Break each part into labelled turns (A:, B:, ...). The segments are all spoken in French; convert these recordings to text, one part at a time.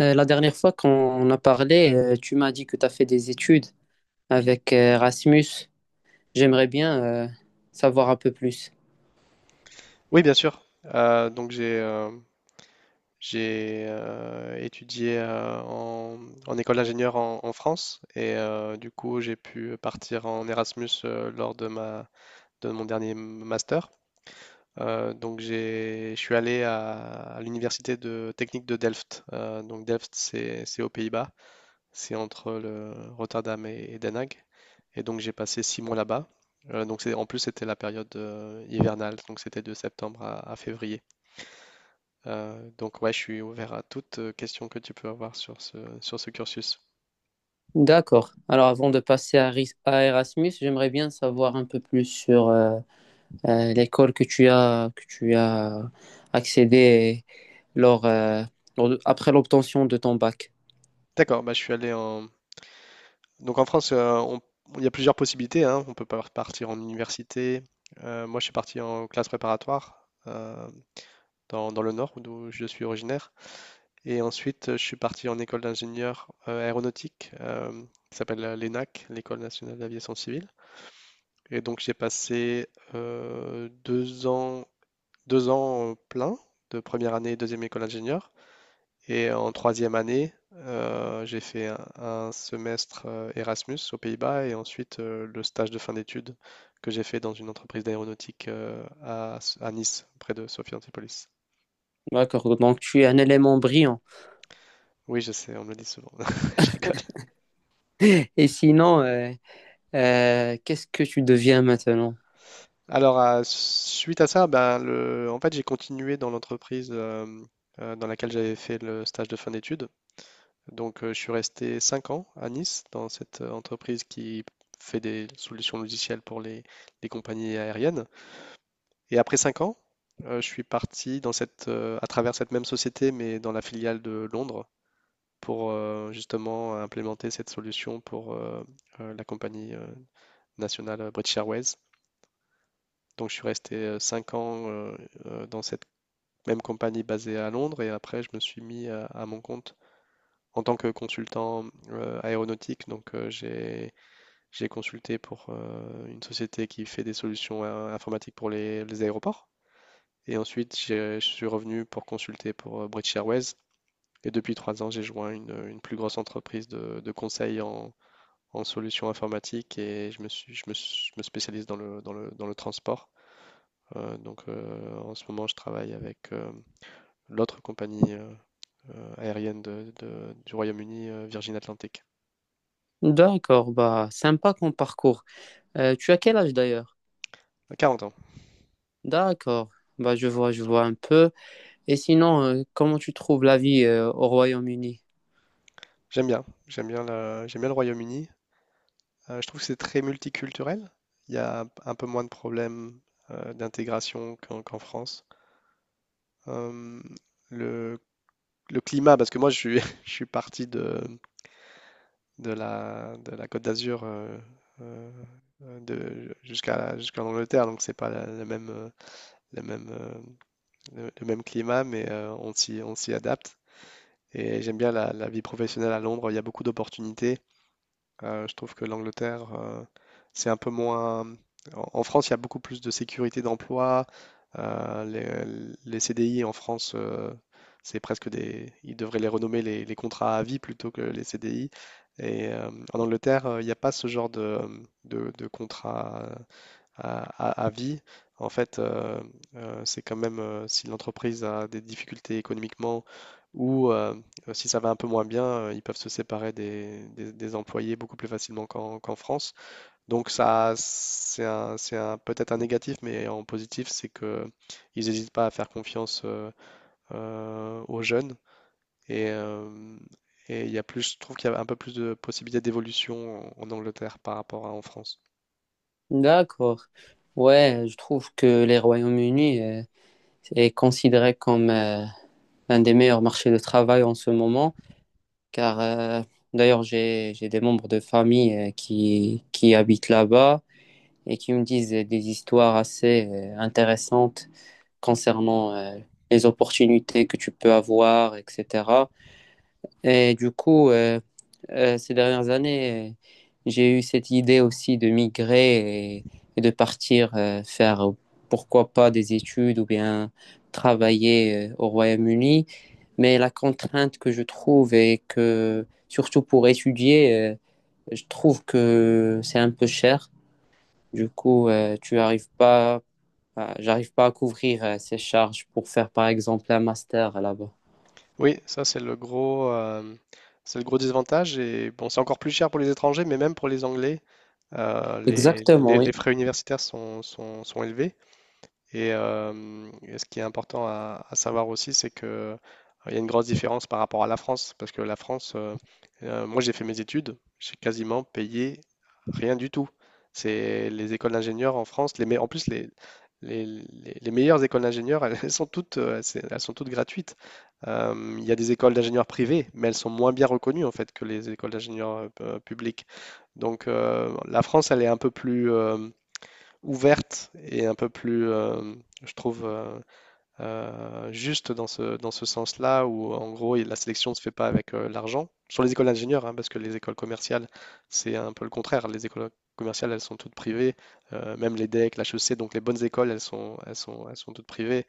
A: La dernière fois qu'on a parlé, tu m'as dit que tu as fait des études avec Rasmus. J'aimerais bien savoir un peu plus.
B: Oui, bien sûr. Donc j'ai étudié en école d'ingénieur en France et du coup j'ai pu partir en Erasmus lors de ma de mon dernier master. Donc j'ai je suis allé à l'université de technique de Delft. Donc Delft c'est aux Pays-Bas, c'est entre le Rotterdam et Den Haag. Et donc j'ai passé 6 mois là-bas. Donc c'est en plus c'était la période hivernale, donc c'était de septembre à février. Donc ouais, je suis ouvert à toute question que tu peux avoir sur ce cursus.
A: D'accord. Alors avant de passer à, à Erasmus, j'aimerais bien savoir un peu plus sur l'école que tu as accédé lors, euh, après l'obtention de ton bac.
B: D'accord, bah, je suis allé en... Donc en France, il y a plusieurs possibilités, hein. On peut partir en université. Moi, je suis parti en classe préparatoire dans le nord, d'où je suis originaire. Et ensuite, je suis parti en école d'ingénieur aéronautique, qui s'appelle l'ENAC, l'École nationale d'aviation civile. Et donc, j'ai passé euh, deux ans, 2 ans plein de première année et deuxième école d'ingénieur. Et en troisième année, j'ai fait un semestre Erasmus aux Pays-Bas et ensuite le stage de fin d'études que j'ai fait dans une entreprise d'aéronautique à Nice, près de Sophia Antipolis.
A: D'accord. Donc tu es un élément brillant.
B: Oui, je sais, on me le dit souvent. Je rigole.
A: Et sinon, qu'est-ce que tu deviens maintenant?
B: Alors, suite à ça, ben, en fait, j'ai continué dans l'entreprise dans laquelle j'avais fait le stage de fin d'études. Donc, je suis resté 5 ans à Nice, dans cette entreprise qui fait des solutions logicielles pour les compagnies aériennes. Et après 5 ans, je suis parti dans cette, à travers cette même société, mais dans la filiale de Londres, pour justement implémenter cette solution pour la compagnie nationale British Airways. Donc je suis resté 5 ans dans cette même compagnie basée à Londres et après je me suis mis à mon compte en tant que consultant aéronautique. Donc j'ai consulté pour une société qui fait des solutions informatiques pour les aéroports. Et ensuite, je suis revenu pour consulter pour British Airways. Et depuis 3 ans, j'ai joint une plus grosse entreprise de conseil en solutions informatiques et je me spécialise dans le transport. Donc en ce moment, je travaille avec l'autre compagnie aérienne du Royaume-Uni, Virgin Atlantic.
A: D'accord, bah sympa comme parcours. Tu as quel âge d'ailleurs?
B: À 40 ans.
A: D'accord. Bah, je vois un peu. Et sinon, comment tu trouves la vie au Royaume-Uni?
B: J'aime bien. J'aime bien le Royaume-Uni. Je trouve que c'est très multiculturel. Il y a un peu moins de problèmes d'intégration qu'en France. Euh, le, le climat, parce que je suis parti de la Côte d'Azur euh, jusqu'en Angleterre, donc c'est pas le même, euh, le même climat, mais on s'y adapte. Et j'aime bien la vie professionnelle à Londres, il y a beaucoup d'opportunités. Je trouve que l'Angleterre, c'est un peu moins. En en France, il y a beaucoup plus de sécurité d'emploi. Les CDI en France, c'est presque des. Ils devraient les renommer les contrats à vie plutôt que les CDI. Et en Angleterre, il n'y a pas ce genre de contrat à, à vie. En fait, c'est quand même si l'entreprise a des difficultés économiquement ou si ça va un peu moins bien, ils peuvent se séparer des employés beaucoup plus facilement qu'en France. Donc ça, peut-être un négatif, mais en positif, c'est que ils n'hésitent pas à faire confiance aux jeunes et euh, et il y a plus, je trouve qu'il y a un peu plus de possibilités d'évolution en Angleterre par rapport à en France.
A: D'accord. Ouais, je trouve que les Royaume-Uni est considéré comme l'un des meilleurs marchés de travail en ce moment, car d'ailleurs j'ai des membres de famille qui habitent là-bas et qui me disent des histoires assez intéressantes concernant les opportunités que tu peux avoir, etc. Et du coup, ces dernières années, j'ai eu cette idée aussi de migrer et de partir faire, pourquoi pas, des études ou bien travailler au Royaume-Uni. Mais la contrainte que je trouve est que, surtout pour étudier, je trouve que c'est un peu cher. Du coup, tu n'arrives pas j'arrive pas à couvrir ces charges pour faire, par exemple, un master là-bas.
B: Oui, ça c'est le gros désavantage. Et bon, c'est encore plus cher pour les étrangers, mais même pour les Anglais,
A: Exactement,
B: les
A: oui.
B: frais universitaires sont élevés. Et ce qui est important à savoir aussi, c'est que il y a une grosse différence par rapport à la France, parce que moi j'ai fait mes études, j'ai quasiment payé rien du tout. C'est les écoles d'ingénieurs en France, en plus les meilleures écoles d'ingénieurs, elles sont toutes gratuites. Il y a des écoles d'ingénieurs privées, mais elles sont moins bien reconnues en fait que les écoles d'ingénieurs publiques. Donc la France, elle est un peu plus, ouverte et un peu plus, je trouve, juste dans ce sens-là, où en gros, la sélection ne se fait pas avec l'argent. Sur les écoles d'ingénieurs, hein, parce que les écoles commerciales, c'est un peu le contraire. Les écoles commerciales, elles sont toutes privées. Même les DEC, l'HEC, donc les bonnes écoles, elles sont toutes privées.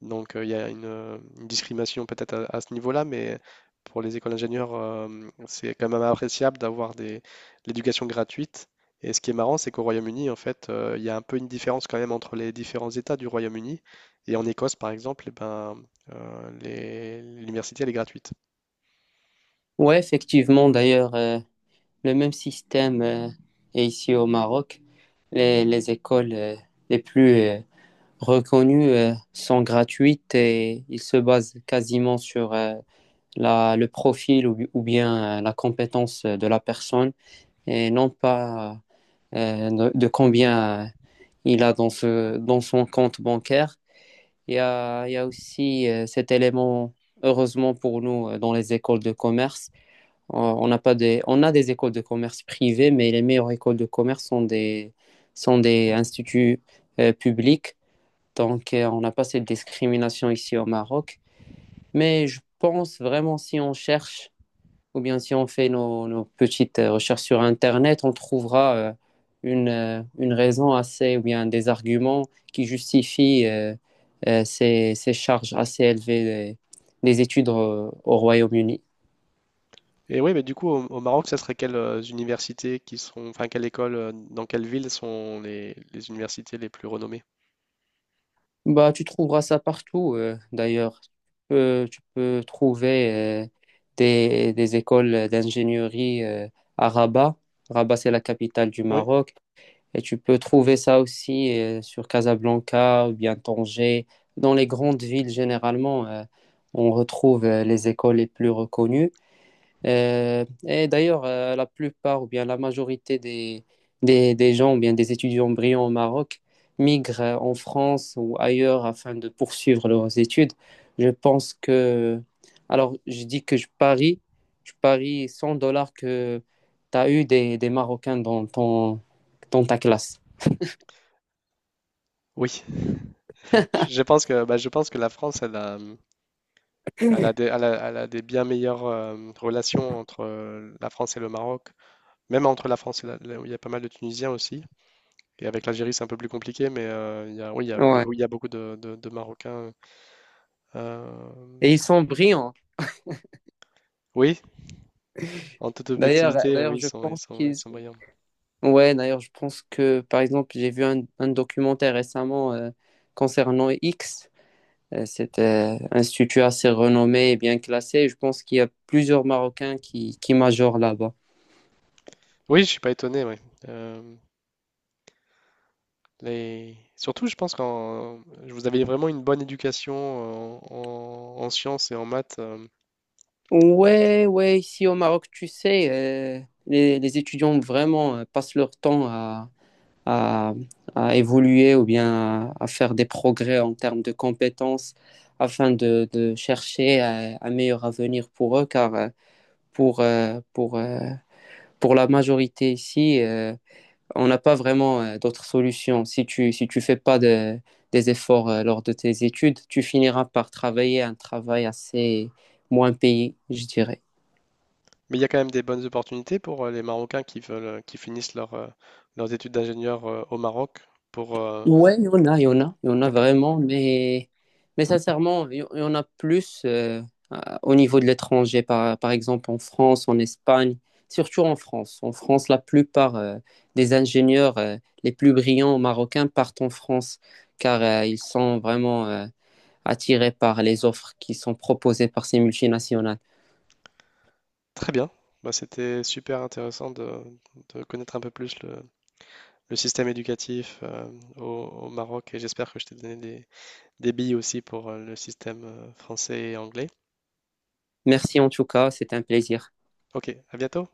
B: Donc, il y a une discrimination peut-être à ce niveau-là, mais pour les écoles d'ingénieurs, c'est quand même appréciable d'avoir l'éducation gratuite. Et ce qui est marrant, c'est qu'au Royaume-Uni, en fait, il y a un peu une différence quand même entre les différents États du Royaume-Uni. Et en Écosse, par exemple, eh ben, l'université, elle est gratuite.
A: Ouais, effectivement, d'ailleurs, le même système est ici au Maroc. Les écoles les plus reconnues sont gratuites et ils se basent quasiment sur la, le profil ou bien la compétence de la personne et non pas de combien il a dans ce, dans son compte bancaire. Il y a aussi cet élément, heureusement pour nous, dans les écoles de commerce. On n'a pas des, on a des écoles de commerce privées, mais les meilleures écoles de commerce sont des instituts publics. Donc, on n'a pas cette discrimination ici au Maroc. Mais je pense vraiment, si on cherche ou bien si on fait nos, nos petites recherches sur Internet, on trouvera une raison assez, ou bien des arguments qui justifient ces, ces charges assez élevées des études au Royaume-Uni.
B: Et oui, mais du coup, au Maroc, ça serait quelles universités qui sont, enfin, quelle école, dans quelle ville sont les universités les plus renommées?
A: Bah, tu trouveras ça partout, d'ailleurs. Tu peux trouver des écoles d'ingénierie à Rabat. Rabat, c'est la capitale du
B: Oui,
A: Maroc. Et tu peux trouver ça aussi sur Casablanca ou bien Tanger. Dans les grandes villes, généralement, on retrouve les écoles les plus reconnues. Et d'ailleurs, la plupart ou bien la majorité des gens ou bien des étudiants brillants au Maroc migrent en France ou ailleurs afin de poursuivre leurs études. Je pense que... Alors, je dis que je parie 100 dollars que tu as eu des Marocains dans ton, dans ta classe.
B: oui. Je pense que la France, elle a des bien meilleures relations entre la France et le Maroc, même entre la France et il y a pas mal de Tunisiens aussi. Et avec l'Algérie, c'est un peu plus compliqué, mais il y a, oui,
A: Ouais.
B: il y a beaucoup de Marocains. euh,
A: Et ils sont brillants.
B: oui, en toute
A: D'ailleurs,
B: objectivité, oui,
A: d'ailleurs, je pense
B: ils
A: qu'ils.
B: sont brillants.
A: Ouais, d'ailleurs, je pense que, par exemple, j'ai vu un documentaire récemment concernant X. C'est un institut assez renommé et bien classé. Je pense qu'il y a plusieurs Marocains qui majorent là-bas.
B: Oui, je suis pas étonné. Ouais. Euh, Surtout, je pense que vous avez vraiment une bonne éducation en sciences et en maths.
A: Ouais, ouais, ici au Maroc, tu sais, les étudiants vraiment passent leur temps à à, à évoluer ou bien à faire des progrès en termes de compétences afin de chercher un meilleur avenir pour eux, car pour, euh, pour, euh, pour la majorité ici, on n'a pas vraiment d'autres solutions. Si tu, si tu fais pas de, des efforts lors de tes études, tu finiras par travailler un travail assez moins payé, je dirais.
B: Mais il y a quand même des bonnes opportunités pour les Marocains qui veulent, qui finissent leurs études d'ingénieur au Maroc pour, euh,
A: Ouais, il y en a, il y en a, il y en a
B: d'accord.
A: vraiment, mais sincèrement, il y en a plus au niveau de l'étranger, par, par exemple en France, en Espagne, surtout en France. En France, la plupart des ingénieurs les plus brillants marocains partent en France, car ils sont vraiment attirés par les offres qui sont proposées par ces multinationales.
B: Très bien. Bah, c'était super intéressant de connaître un peu plus le système éducatif au, au Maroc et j'espère que je t'ai donné des billes aussi pour le système français et anglais.
A: Merci en tout cas, c'était un plaisir.
B: Ok, à bientôt.